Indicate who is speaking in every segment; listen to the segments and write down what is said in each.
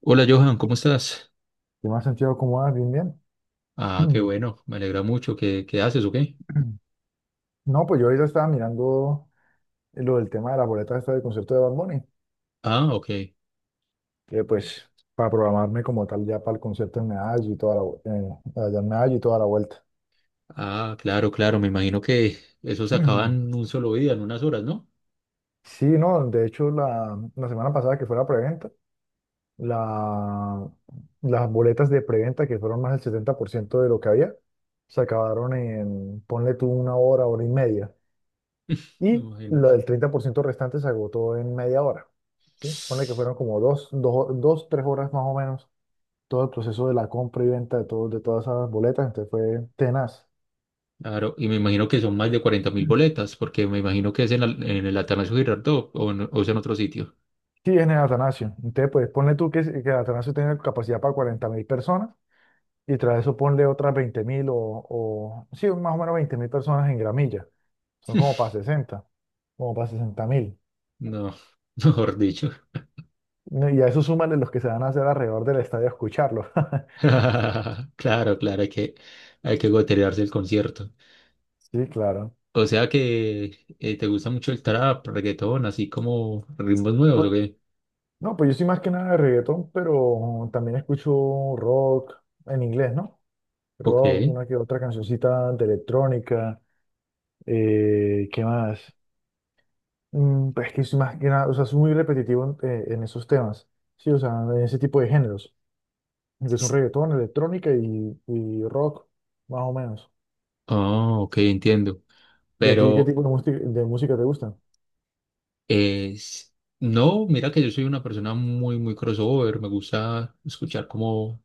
Speaker 1: Hola Johan, ¿cómo estás?
Speaker 2: ¿Qué más, Santiago? ¿Cómo vas? Bien, bien.
Speaker 1: Ah, qué bueno, me alegra mucho. ¿Qué haces o qué?
Speaker 2: No, pues yo ahorita estaba mirando lo del tema de las boletas esta del concierto de Bad Bunny,
Speaker 1: Ah, ok.
Speaker 2: que pues para programarme como tal ya para el concierto en Medallo y toda la, allá en Medallo y toda la vuelta.
Speaker 1: Ah, claro, claro, me imagino que eso se acaba en un solo día, en unas horas, ¿no?
Speaker 2: Sí, no, de hecho la, semana pasada que fue la preventa, la, las boletas de preventa que fueron más del 70% de lo que había, se acabaron en, ponle tú una hora, hora y media. Y lo
Speaker 1: Imagínate.
Speaker 2: del 30% restante se agotó en media hora, ¿sí? Ponle que fueron como dos, tres horas más o menos todo el proceso de la compra y venta de, todo, de todas esas boletas, entonces fue tenaz.
Speaker 1: Claro, y me imagino que son más de 40 mil
Speaker 2: Mm.
Speaker 1: boletas, porque me imagino que es en el Atanasio Girardot o en, o es en otro sitio.
Speaker 2: Sí, en el Atanasio. Entonces, pues ponle tú que el Atanasio tenga capacidad para 40.000 personas y tras eso ponle otras 20.000 o, sí, más o menos 20.000 personas en gramilla. Son como para 60.000.
Speaker 1: No, mejor dicho.
Speaker 2: Y a eso súmale los que se van a hacer alrededor del estadio a escucharlo.
Speaker 1: Claro, claro, hay que goterearse el concierto.
Speaker 2: Sí, claro.
Speaker 1: O sea que te gusta mucho el trap, reggaetón, así como ritmos nuevos, ¿o
Speaker 2: Pues
Speaker 1: qué?
Speaker 2: no, pues yo soy más que nada de reggaetón, pero también escucho rock en inglés, ¿no?
Speaker 1: Ok.
Speaker 2: Rock, una que otra cancioncita de electrónica, ¿qué más? Pues es que soy más que nada, o sea, soy muy repetitivo en esos temas, sí, o sea, en ese tipo de géneros, que son reggaetón, electrónica y rock, más o menos.
Speaker 1: Oh, ok, entiendo.
Speaker 2: ¿Y a ti qué
Speaker 1: Pero
Speaker 2: tipo de música te gusta?
Speaker 1: es... No, mira que yo soy una persona muy crossover. Me gusta escuchar como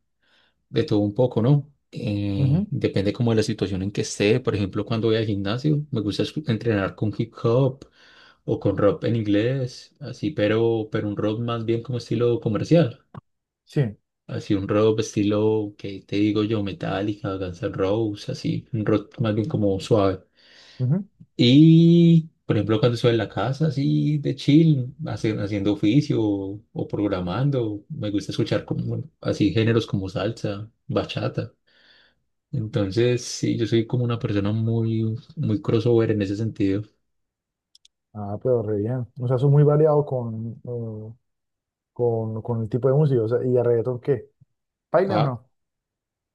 Speaker 1: de todo un poco, ¿no?
Speaker 2: Ujú.
Speaker 1: Depende como de la situación en que esté. Por ejemplo, cuando voy al gimnasio, me gusta entrenar con hip hop o con rock en inglés, así, pero un rock más bien como estilo comercial.
Speaker 2: Sí.
Speaker 1: Así un rock estilo, ¿que te digo yo? Metallica, Guns N' Roses, así, un rock más bien como suave.
Speaker 2: Ujú.
Speaker 1: Y, por ejemplo, cuando estoy en la casa, así de chill, haciendo oficio o programando, me gusta escuchar como, bueno, así géneros como salsa, bachata. Entonces, sí, yo soy como una persona muy crossover en ese sentido.
Speaker 2: Ah, pero re bien. O sea, soy muy variado con, con el tipo de música, o sea, ¿y a reggaetón qué? ¿Pailas
Speaker 1: Ah,
Speaker 2: no?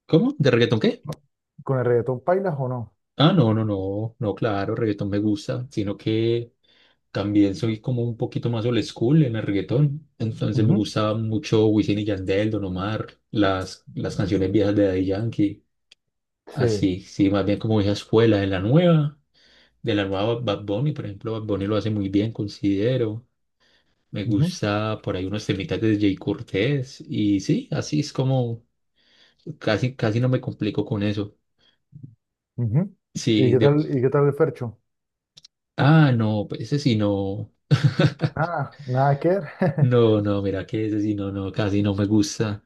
Speaker 1: ¿cómo? ¿De reggaetón qué?
Speaker 2: ¿Con el reggaetón pailas o no?
Speaker 1: Ah, no, claro, reggaetón me gusta, sino que también soy como un poquito más old school en el reggaetón. Entonces me
Speaker 2: Ujú.
Speaker 1: gustaba mucho Wisin y Yandel, Don Omar, las canciones viejas de Daddy Yankee.
Speaker 2: Sí.
Speaker 1: Así, sí, más bien como esa escuela, de la nueva Bad Bunny, por ejemplo, Bad Bunny lo hace muy bien, considero. Me
Speaker 2: Ujú.
Speaker 1: gusta por ahí unos temitas de Jay Cortés y sí, así es como casi no me complico con eso.
Speaker 2: Ujú. ¿Y
Speaker 1: Sí,
Speaker 2: qué
Speaker 1: de...
Speaker 2: tal, el Fercho?
Speaker 1: Ah, no, pues ese sí no.
Speaker 2: Nada, nada que ver.
Speaker 1: No, no, mira que ese sí no, no, casi no me gusta.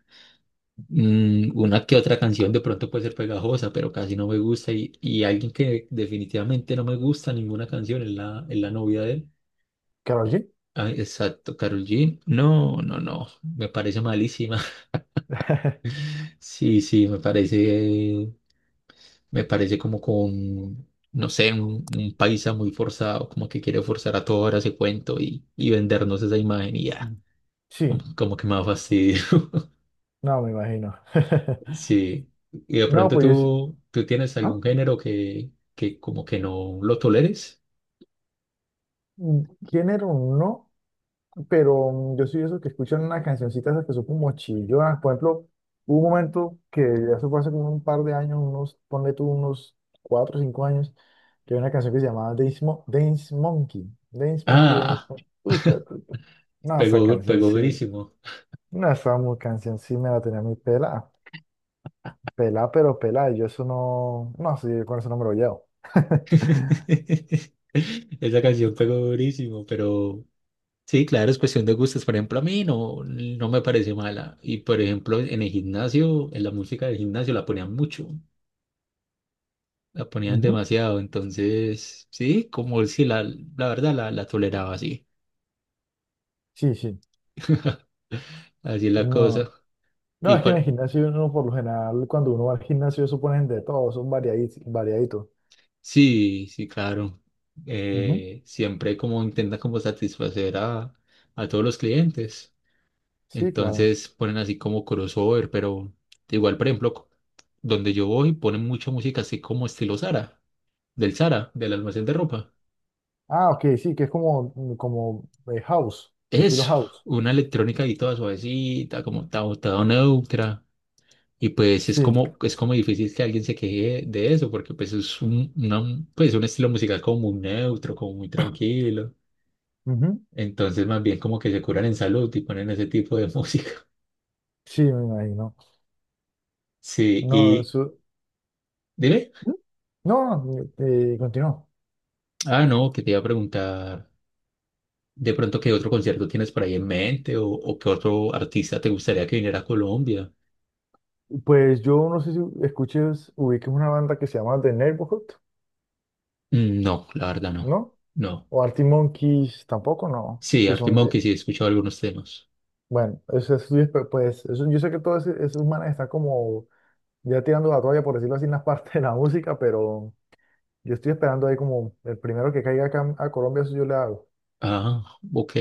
Speaker 1: Mm, una que otra canción de pronto puede ser pegajosa, pero casi no me gusta. Y alguien que definitivamente no me gusta ninguna canción es es la novia de él.
Speaker 2: ¿Karol G?
Speaker 1: Ay, exacto, Karol G. No, no, no, me parece malísima. Sí, sí, me parece, como con, no sé, un paisa muy forzado, como que quiere forzar a toda hora ese cuento y vendernos esa imagen y ya,
Speaker 2: Sí,
Speaker 1: como que me da fastidio.
Speaker 2: no, me imagino.
Speaker 1: Sí, y de
Speaker 2: No,
Speaker 1: pronto
Speaker 2: pues,
Speaker 1: tú tienes
Speaker 2: ¿ah?
Speaker 1: algún género que como que no lo toleres.
Speaker 2: ¿Género no? Pero yo soy de esos que escuchan una cancioncita esas que son como chillonas. Por ejemplo, hubo un momento que eso fue hace como un par de años, ponle tú unos 4 o 5 años, que había una canción que se llamaba Dance, Dance Monkey. Dance Monkey,
Speaker 1: Ah,
Speaker 2: Uy, espera, espera, espera. No, esa
Speaker 1: pegó,
Speaker 2: canción
Speaker 1: pegó
Speaker 2: sí.
Speaker 1: durísimo.
Speaker 2: No, esa canción sí me la tenía muy pelada. Pelada, pero pelada. Y yo eso no. No, sí, yo con eso no me lo llevo.
Speaker 1: Esa canción pegó durísimo, pero... Sí, claro, es cuestión de gustos. Por ejemplo, a mí no, no me parece mala. Y por ejemplo, en el gimnasio, en la música del gimnasio la ponían mucho, la ponían
Speaker 2: Ujú.
Speaker 1: demasiado. Entonces, sí, como si la, la verdad la toleraba así.
Speaker 2: Sí, sí.
Speaker 1: Así es la
Speaker 2: No.
Speaker 1: cosa.
Speaker 2: No,
Speaker 1: Y
Speaker 2: es que en el
Speaker 1: cual,
Speaker 2: gimnasio uno por lo general, cuando uno va al gimnasio, eso ponen de todo, son variaditos.
Speaker 1: sí, sí, claro.
Speaker 2: Ujú.
Speaker 1: Siempre como intenta como a todos los clientes.
Speaker 2: Sí, claro.
Speaker 1: Entonces ponen así como crossover, pero igual, por ejemplo, donde yo voy ponen mucha música así como estilo Sara del Zara, del almacén de ropa.
Speaker 2: Ah, ok, sí, que es como, como house, estilo
Speaker 1: Eso,
Speaker 2: house.
Speaker 1: una electrónica ahí toda suavecita, toda neutra. Y pues
Speaker 2: Sí,
Speaker 1: es como difícil que alguien se queje de eso, porque pues pues un estilo musical como muy neutro, como muy tranquilo.
Speaker 2: ujú.
Speaker 1: Entonces más bien como que se curan en salud y ponen ese tipo de música.
Speaker 2: Sí, me imagino.
Speaker 1: Sí,
Speaker 2: No,
Speaker 1: y
Speaker 2: su-
Speaker 1: dime,
Speaker 2: no, no, continuó.
Speaker 1: ah, no, que te iba a preguntar de pronto qué otro concierto tienes por ahí en mente o qué otro artista te gustaría que viniera a Colombia.
Speaker 2: Pues yo no sé si escuches, ubiques una banda que se llama The Neighborhood,
Speaker 1: Mm, no, la verdad no.
Speaker 2: ¿no?
Speaker 1: No.
Speaker 2: O Artie Monkeys, tampoco, no.
Speaker 1: Sí,
Speaker 2: Que
Speaker 1: Arctic
Speaker 2: son de,
Speaker 1: sí, he escuchado algunos temas.
Speaker 2: bueno, eso es, pues, eso, yo sé que todos esos manes están como ya tirando la toalla, por decirlo así, en la parte de la música, pero yo estoy esperando ahí como el primero que caiga acá a Colombia, eso yo le hago.
Speaker 1: Ah, ok,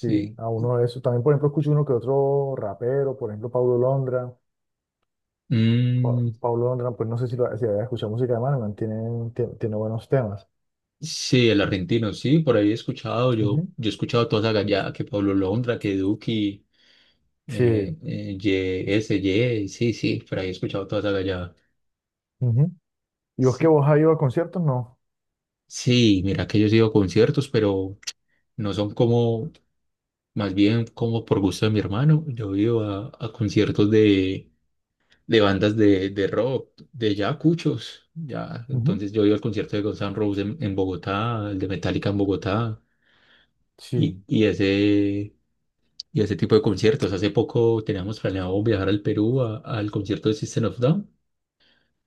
Speaker 2: Sí, a uno de esos. También, por ejemplo, escucho uno que otro rapero, por ejemplo, Paulo Londra.
Speaker 1: Mm,
Speaker 2: Paulo Londra, pues no sé si había escuchado música de Manuel, tiene, buenos temas.
Speaker 1: sí, el argentino, sí, por ahí he escuchado,
Speaker 2: Ujú.
Speaker 1: yo he escuchado toda esa gallada, que Pablo Londra, que Duki,
Speaker 2: Sí.
Speaker 1: YS, Ye, sí, sí, por ahí he escuchado toda esa gallada.
Speaker 2: Ujú. ¿Y vos que
Speaker 1: Sí,
Speaker 2: vos has ido a conciertos? No.
Speaker 1: sí, mira que yo he ido a conciertos, pero no son como, más bien como por gusto de mi hermano, yo he ido a conciertos de rock, de ya cuchos, ya.
Speaker 2: Ujú.
Speaker 1: Entonces yo he ido al concierto de Guns N' Roses en Bogotá, el de Metallica en Bogotá, y,
Speaker 2: Sí,
Speaker 1: y ese, y ese tipo de conciertos. Hace poco teníamos planeado viajar al Perú al concierto de System of Down.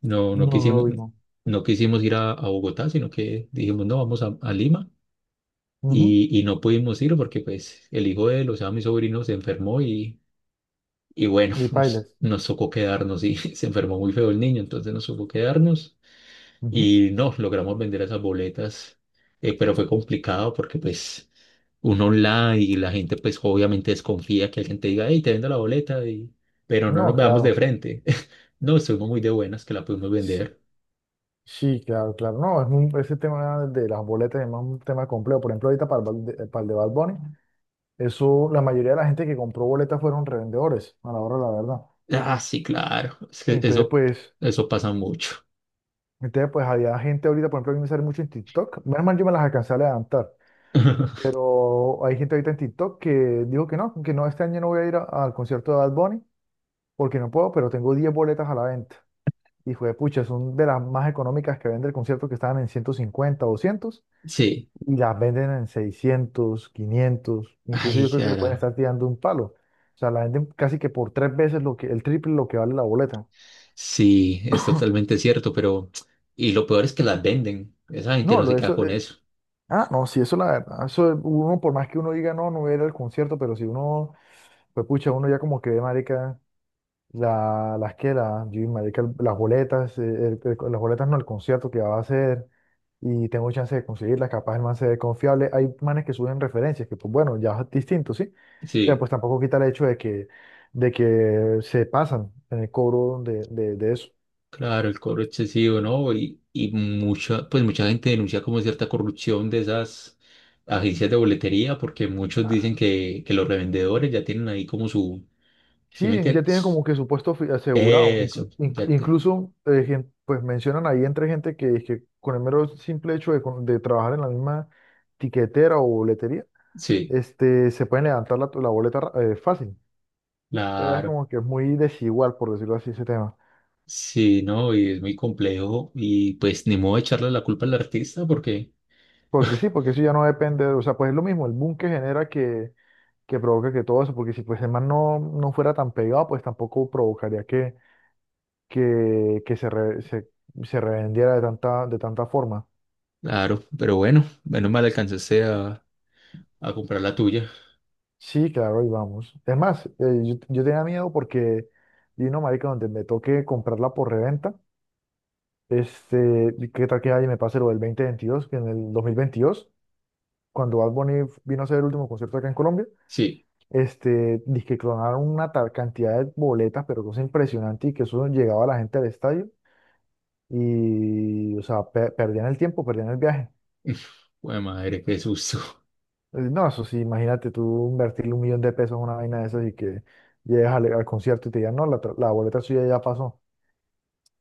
Speaker 1: No,
Speaker 2: no,
Speaker 1: no
Speaker 2: no
Speaker 1: quisimos,
Speaker 2: lo digo.
Speaker 1: no quisimos ir a Bogotá, sino que dijimos, no, vamos a Lima. Y no pudimos ir porque pues el hijo de él, o sea, mi sobrino se enfermó y bueno,
Speaker 2: Ni bailes.
Speaker 1: nos tocó quedarnos y se enfermó muy feo el niño, entonces nos tocó quedarnos.
Speaker 2: Ujú.
Speaker 1: Y nos logramos vender esas boletas, pero fue complicado porque pues uno online y la gente pues obviamente desconfía que alguien te diga, hey, te vendo la boleta, y... pero no nos
Speaker 2: No,
Speaker 1: veamos de
Speaker 2: claro.
Speaker 1: frente. No, estuvimos muy de buenas que la pudimos
Speaker 2: Sí,
Speaker 1: vender.
Speaker 2: sí, claro, claro. No, es ese tema de las boletas es más un tema complejo. Por ejemplo, ahorita para para el de Bad Bunny, eso, la mayoría de la gente que compró boletas fueron revendedores, a la hora de la verdad.
Speaker 1: Ah, sí, claro, es que
Speaker 2: Entonces,
Speaker 1: eso,
Speaker 2: pues,
Speaker 1: eso pasa mucho.
Speaker 2: entonces, pues había gente ahorita, por ejemplo, a mí me sale mucho en TikTok. Menos mal yo me las alcancé a levantar. Pero hay gente ahorita en TikTok que dijo que no, este año no voy a ir al concierto de Bad Bunny porque no puedo, pero tengo 10 boletas a la venta. Y fue, pucha, son de las más económicas que vende el concierto que estaban en 150 200
Speaker 1: Sí,
Speaker 2: y las venden en 600 500. Incluso
Speaker 1: ay,
Speaker 2: yo creo que le pueden
Speaker 1: cara,
Speaker 2: estar tirando un palo. O sea, la venden casi que por tres veces lo que, el triple lo que vale la boleta.
Speaker 1: sí, es totalmente cierto, pero y lo peor es que las venden, esa gente
Speaker 2: No,
Speaker 1: no
Speaker 2: lo
Speaker 1: se
Speaker 2: de
Speaker 1: queda
Speaker 2: eso,
Speaker 1: con eso.
Speaker 2: ah, no, sí, eso la verdad. Eso uno, por más que uno diga, no, no voy a ir al concierto, pero si uno, pues pucha, uno ya como que ve, marica, la, las que, la, yo, marica, las boletas, las boletas no, el concierto que va a hacer, y tengo chance de conseguirlas, capaz el man se ve confiable. Hay manes que suben referencias, que pues bueno, ya es distinto, ¿sí? Pero
Speaker 1: Sí.
Speaker 2: pues tampoco quita el hecho de que se pasan en el cobro de eso.
Speaker 1: Claro, el cobro excesivo, ¿no? Y mucha, pues mucha gente denuncia como cierta corrupción de esas agencias de boletería, porque muchos dicen que los revendedores ya tienen ahí como su, ¿sí
Speaker 2: Sí,
Speaker 1: me
Speaker 2: ya tienen
Speaker 1: entiendes?
Speaker 2: como que su puesto asegurado.
Speaker 1: Eso, ya te,
Speaker 2: Incluso pues mencionan ahí entre gente que con el mero simple hecho de, de trabajar en la misma tiquetera o boletería,
Speaker 1: sí,
Speaker 2: este, se pueden levantar la boleta fácil. Es
Speaker 1: claro,
Speaker 2: como que es muy desigual, por decirlo así, ese tema.
Speaker 1: sí, ¿no? Y es muy complejo y pues ni modo de echarle la culpa al artista porque,
Speaker 2: Porque sí, porque eso ya no depende, o sea, pues es lo mismo, el boom que genera que provoca que todo eso, porque si pues el man no, no fuera tan pegado, pues tampoco provocaría que, que se, se revendiera de tanta forma.
Speaker 1: claro, pero bueno, menos mal alcanzaste a comprar la tuya.
Speaker 2: Sí, claro, y vamos. Es más, yo tenía miedo porque, y no, marica, donde me toque comprarla por reventa, este, y qué tal que ahí me pase lo del 2022, que en el 2022, cuando Bad Bunny vino a hacer el último concierto acá en Colombia,
Speaker 1: Sí,
Speaker 2: este, dizque clonaron una tal cantidad de boletas, pero cosa impresionante, y que eso llegaba a la gente al estadio, y, o sea, perdían el tiempo, perdían el viaje.
Speaker 1: bueno, madre, qué susto.
Speaker 2: No, eso sí, imagínate tú invertirle un millón de pesos en una vaina de esas y que llegues al concierto y te digan, no, la boleta suya ya pasó.